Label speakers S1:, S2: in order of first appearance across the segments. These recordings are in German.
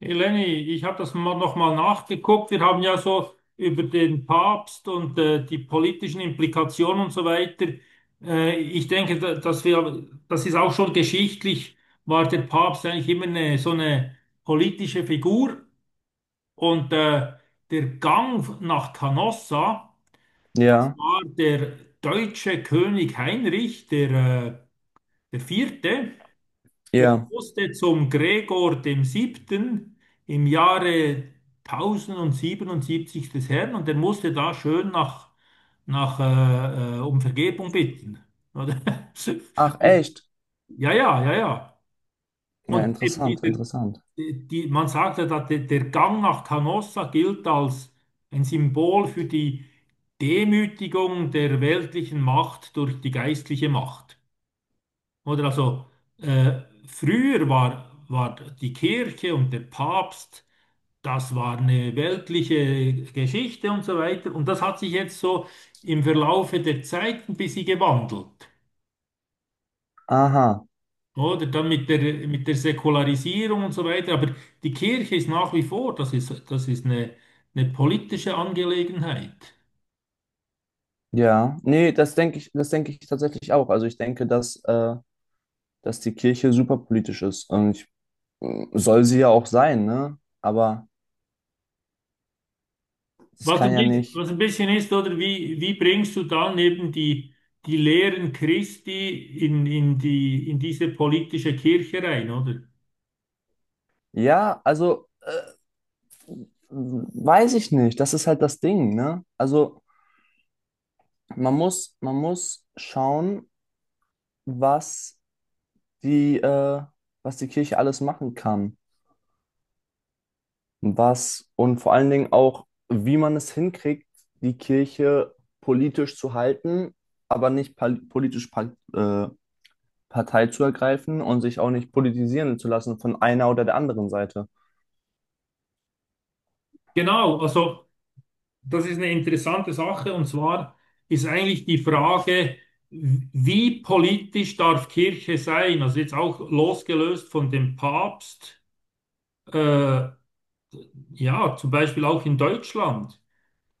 S1: Eleni, ich habe das mal nochmal nachgeguckt. Wir haben ja so über den Papst und die politischen Implikationen und so weiter. Ich denke, dass wir, das ist auch schon geschichtlich, war der Papst eigentlich immer eine, so eine politische Figur. Und der Gang nach Canossa, das
S2: Ja,
S1: war der deutsche König Heinrich, der, äh, der Vierte. Der
S2: ja.
S1: musste zum Gregor dem Siebten im Jahre 1077 des Herrn und der musste da schön nach, nach um Vergebung bitten. Oder?
S2: Ach, echt?
S1: Ja, ja, ja, ja.
S2: Ja,
S1: Und eben
S2: interessant,
S1: dieser,
S2: interessant.
S1: die, man sagt ja, dass der, der Gang nach Canossa gilt als ein Symbol für die Demütigung der weltlichen Macht durch die geistliche Macht. Oder also äh, früher war die Kirche und der Papst, das war eine weltliche Geschichte und so weiter. Und das hat sich jetzt so im Verlaufe der Zeit ein bisschen gewandelt.
S2: Aha,
S1: Oder dann mit der Säkularisierung und so weiter. Aber die Kirche ist nach wie vor, das ist eine politische Angelegenheit.
S2: ja. Nee, das denke ich tatsächlich auch. Also ich denke, dass, dass die Kirche super politisch ist. Soll sie ja auch sein, ne? Aber das kann ja nicht.
S1: Was ein bisschen ist, oder wie, wie bringst du dann eben die, die Lehren Christi in die, in diese politische Kirche rein, oder?
S2: Ja, also weiß ich nicht. Das ist halt das Ding, ne? Also man muss schauen, was die, äh, was die Kirche alles machen kann. Was und vor allen Dingen auch, wie man es hinkriegt, die Kirche politisch zu halten, aber nicht politisch Partei zu ergreifen und sich auch nicht politisieren zu lassen von einer oder der anderen Seite.
S1: Genau, also das ist eine interessante Sache und zwar ist eigentlich die Frage, wie politisch darf Kirche sein? Also jetzt auch losgelöst von dem Papst, äh, ja, zum Beispiel auch in Deutschland.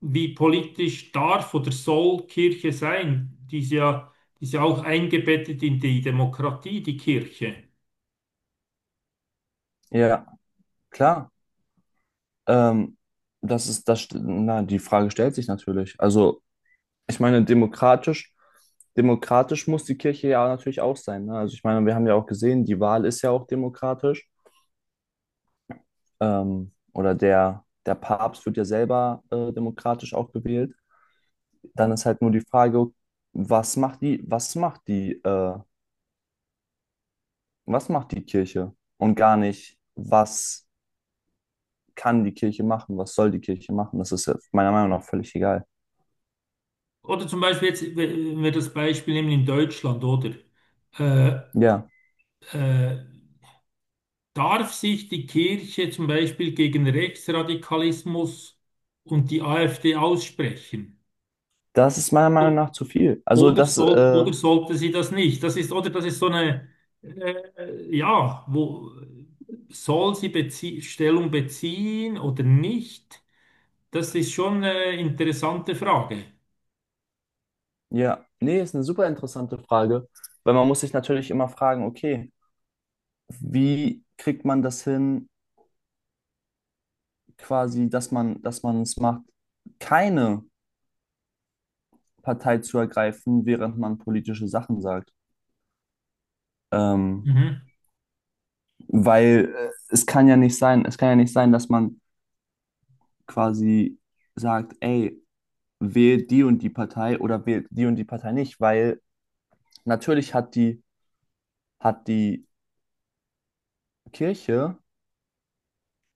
S1: Wie politisch darf oder soll Kirche sein? Die ist ja auch eingebettet in die Demokratie, die Kirche.
S2: Ja, klar. Ähm, das ist das, na, die Frage stellt sich natürlich. Also, ich meine, demokratisch muss die Kirche ja natürlich auch sein. Ne? Also, ich meine, wir haben ja auch gesehen, die Wahl ist ja auch demokratisch. Oder der Papst wird ja selber demokratisch auch gewählt. Dann ist halt nur die Frage, was macht was macht die Kirche? Und gar nicht, was kann die Kirche machen, was soll die Kirche machen? Das ist ja meiner Meinung nach völlig egal.
S1: Oder zum Beispiel jetzt, wenn wir das Beispiel nehmen in Deutschland, oder? Äh,
S2: Ja,
S1: äh, darf sich die Kirche zum Beispiel gegen Rechtsradikalismus und die AfD aussprechen?
S2: das ist meiner Meinung nach zu viel. Also
S1: Oder, soll, oder sollte sie das nicht? Das ist, oder das ist so eine, ja, wo soll sie bezie Stellung beziehen oder nicht? Das ist schon eine interessante Frage.
S2: ja, nee, ist eine super interessante Frage, weil man muss sich natürlich immer fragen, okay, wie kriegt man das hin, quasi, dass man es macht, keine Partei zu ergreifen, während man politische Sachen sagt. Ähm,
S1: Mhm.
S2: weil es kann ja nicht sein, es kann ja nicht sein, dass man quasi sagt, ey, wählt die und die Partei oder wählt die und die Partei nicht, weil natürlich hat die Kirche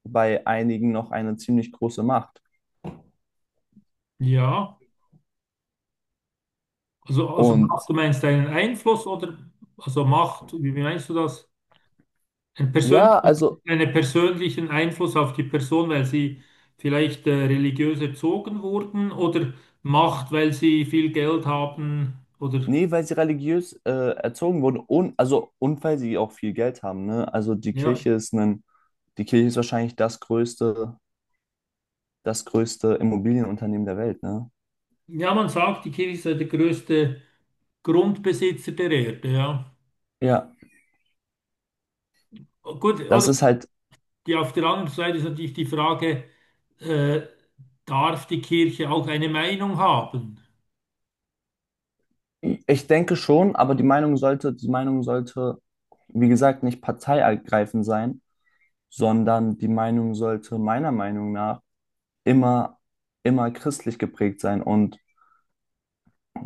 S2: bei einigen noch eine ziemlich große Macht.
S1: Ja, also Macht,
S2: Und
S1: du meinst einen Einfluss oder also Macht, wie wie meinst du das? Ein
S2: ja,
S1: persönlichen,
S2: also,
S1: einen persönlichen Einfluss auf die Person, weil sie vielleicht religiös erzogen wurden oder Macht, weil sie viel Geld haben oder
S2: nee, weil sie religiös erzogen wurden und, also, und weil sie auch viel Geld haben, ne?
S1: ja.
S2: Die Kirche ist wahrscheinlich das größte Immobilienunternehmen der Welt, ne?
S1: Ja, man sagt, die Kirche sei der größte Grundbesitzer der Erde, ja.
S2: Ja,
S1: Gut, oder
S2: das ist halt,
S1: die, auf der anderen Seite ist natürlich die Frage, äh, darf die Kirche auch eine Meinung haben?
S2: ich denke schon, aber die Meinung sollte, wie gesagt, nicht parteiergreifend sein, sondern die Meinung sollte meiner Meinung nach immer, immer christlich geprägt sein und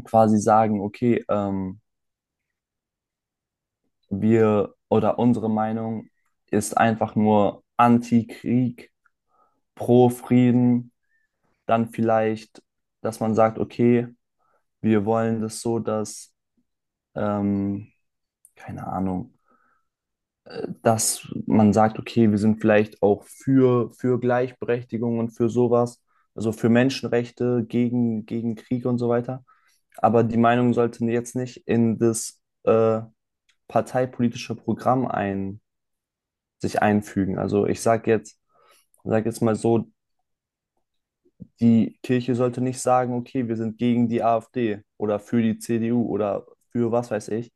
S2: quasi sagen, okay, wir oder unsere Meinung ist einfach nur Anti-Krieg, Pro-Frieden, dann vielleicht, dass man sagt, okay, wir wollen das so, dass ähm, keine Ahnung, dass man sagt, okay, wir sind vielleicht auch für, Gleichberechtigung und für sowas, also für Menschenrechte, gegen, gegen Krieg und so weiter. Aber die Meinung sollte jetzt nicht in das parteipolitische Programm ein, sich einfügen. Also sag jetzt mal so, die Kirche sollte nicht sagen, okay, wir sind gegen die AfD oder für die CDU oder für was weiß ich,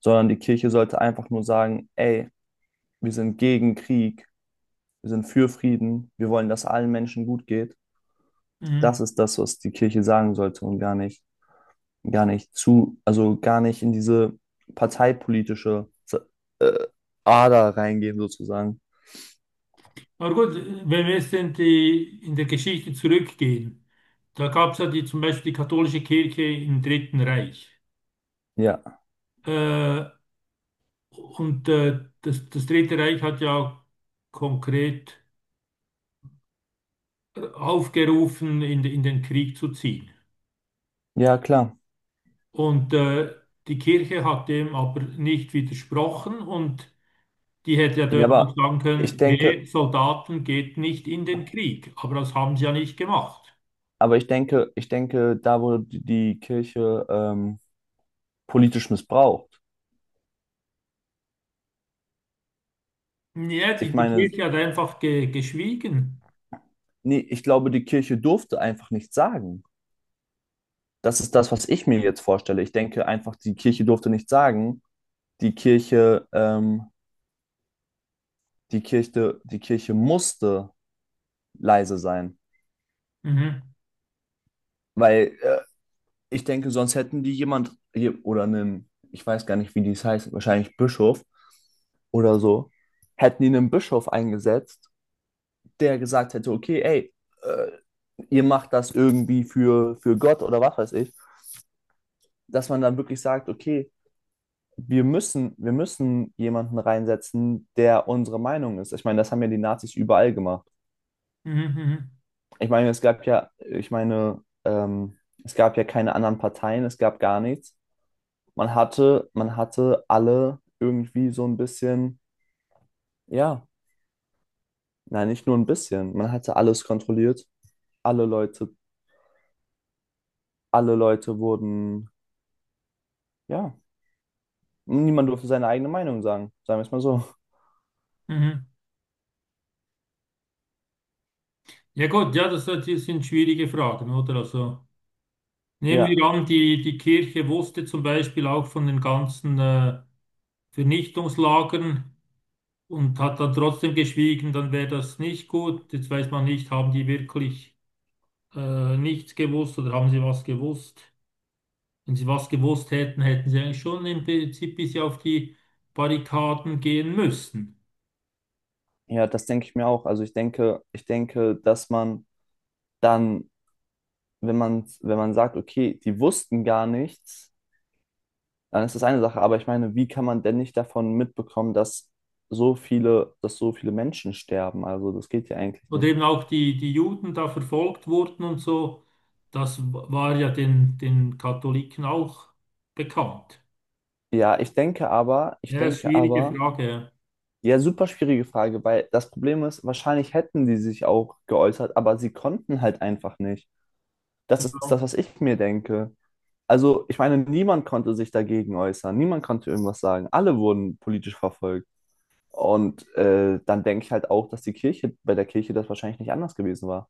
S2: sondern die Kirche sollte einfach nur sagen, ey, wir sind gegen Krieg, wir sind für Frieden, wir wollen, dass allen Menschen gut geht.
S1: Mhm.
S2: Das ist das, was die Kirche sagen sollte und gar nicht zu, also gar nicht in diese parteipolitische äh, Ader reingehen sozusagen.
S1: Aber gut, wenn wir jetzt in die, in der Geschichte zurückgehen, da gab es ja die, zum Beispiel die katholische Kirche im Dritten Reich.
S2: Ja,
S1: Äh, und das, das Dritte Reich hat ja konkret aufgerufen, in den Krieg zu ziehen.
S2: ja, klar.
S1: Und die Kirche hat dem aber nicht widersprochen und die hätte ja
S2: Ja,
S1: dort auch
S2: aber
S1: sagen
S2: ich
S1: können, hey,
S2: denke,
S1: Soldaten geht nicht in den Krieg. Aber das haben sie ja nicht gemacht.
S2: aber ich denke, da wurde die Kirche politisch missbraucht.
S1: Ja,
S2: Ich
S1: die, die
S2: meine,
S1: Kirche hat einfach geschwiegen.
S2: nee, ich glaube, die Kirche durfte einfach nichts sagen. Das ist das, was ich mir jetzt vorstelle. Ich denke einfach, die Kirche durfte nichts sagen, die Kirche, ähm, die Kirche musste leise sein,
S1: Mhm.
S2: weil ich denke, sonst hätten die jemand oder einen, ich weiß gar nicht, wie dies heißt, wahrscheinlich Bischof oder so, hätten die einen Bischof eingesetzt, der gesagt hätte, okay, ey, äh, ihr macht das irgendwie für Gott oder was weiß ich, dass man dann wirklich sagt, okay, wir müssen jemanden reinsetzen, der unsere Meinung ist. Ich meine, das haben ja die Nazis überall gemacht.
S1: Mhm.
S2: Ich meine, es gab ja, ich meine, es gab ja keine anderen Parteien, es gab gar nichts. Man hatte alle irgendwie so ein bisschen, ja, nein, nicht nur ein bisschen, man hatte alles kontrolliert. Alle Leute, alle Leute wurden, ja, niemand durfte seine eigene Meinung sagen, sagen wir es mal so.
S1: Mhm. Mhm. Ja gut, ja, das, das sind schwierige Fragen, oder? Also nehmen wir
S2: Ja,
S1: an, die, die Kirche wusste zum Beispiel auch von den ganzen Vernichtungslagern. Und hat dann trotzdem geschwiegen, dann wäre das nicht gut. Jetzt weiß man nicht, haben die wirklich nichts gewusst oder haben sie was gewusst? Wenn sie was gewusst hätten, hätten sie eigentlich schon im Prinzip bis auf die Barrikaden gehen müssen.
S2: ja, das denke ich mir auch. Also ich denke, dass man dann, wenn man sagt, okay, die wussten gar nichts, dann ist das eine Sache. Aber ich meine, wie kann man denn nicht davon mitbekommen, dass dass so viele Menschen sterben? Also das geht ja eigentlich
S1: Oder
S2: nicht.
S1: eben auch die, die Juden da verfolgt wurden und so, das war ja den, den Katholiken auch bekannt.
S2: Ja, ich denke aber,
S1: Ja, ist eine schwierige Frage.
S2: ja, super schwierige Frage, weil das Problem ist, wahrscheinlich hätten die sich auch geäußert, aber sie konnten halt einfach nicht. Das
S1: Ja.
S2: ist das, was ich mir denke. Also, ich meine, niemand konnte sich dagegen äußern, niemand konnte irgendwas sagen. Alle wurden politisch verfolgt. Und dann denke ich halt auch, dass die Kirche, bei der Kirche das wahrscheinlich nicht anders gewesen war.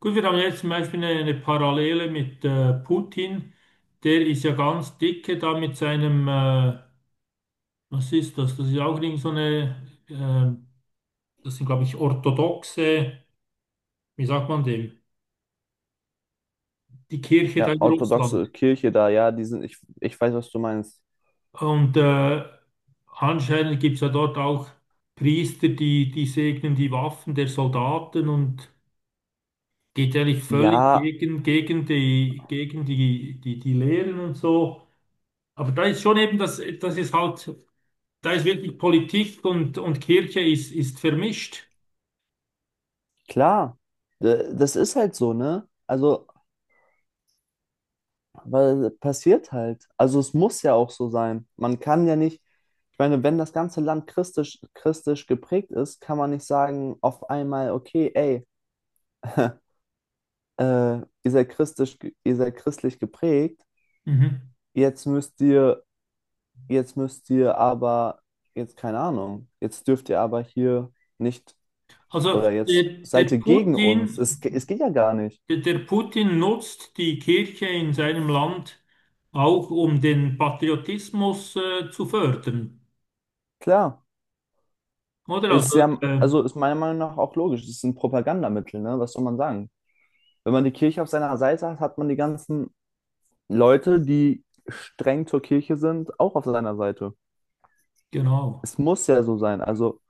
S1: Gut, wir haben jetzt zum Beispiel eine Parallele mit Putin. Der ist ja ganz dicke da mit seinem, was ist das? Das ist auch irgend so eine, das sind, glaube ich, orthodoxe, wie sagt man dem? Die Kirche da
S2: Ja,
S1: in
S2: orthodoxe
S1: Russland.
S2: Kirche da, ja, die sind, ich weiß, was du meinst.
S1: Und anscheinend gibt es ja dort auch Priester, die, die segnen die Waffen der Soldaten und geht eigentlich völlig
S2: Ja,
S1: gegen, gegen die, die, die Lehren und so. Aber da ist schon eben das, das ist halt. Da ist wirklich Politik und Kirche ist, ist vermischt.
S2: klar, das ist halt so, ne? Also, weil passiert halt. Also, es muss ja auch so sein. Man kann ja nicht, ich meine, wenn das ganze Land christlich geprägt ist, kann man nicht sagen, auf einmal, okay, ey, äh, ihr seid christlich, ihr seid christlich geprägt,
S1: Mhm.
S2: jetzt müsst ihr, jetzt müsst ihr aber, jetzt keine Ahnung, jetzt dürft ihr aber hier nicht.
S1: Also
S2: Oder jetzt
S1: der
S2: seid ihr gegen uns. Es
S1: Putin,
S2: geht ja gar nicht.
S1: der, der Putin nutzt die Kirche in seinem Land auch, um den Patriotismus zu fördern.
S2: Klar.
S1: Oder?
S2: Ist
S1: Also,
S2: ja, also ist meiner Meinung nach auch logisch. Es ist ein Propagandamittel, ne? Was soll man sagen? Wenn man die Kirche auf seiner Seite hat, hat man die ganzen Leute, die streng zur Kirche sind, auch auf seiner Seite.
S1: genau.
S2: Es muss ja so sein. Also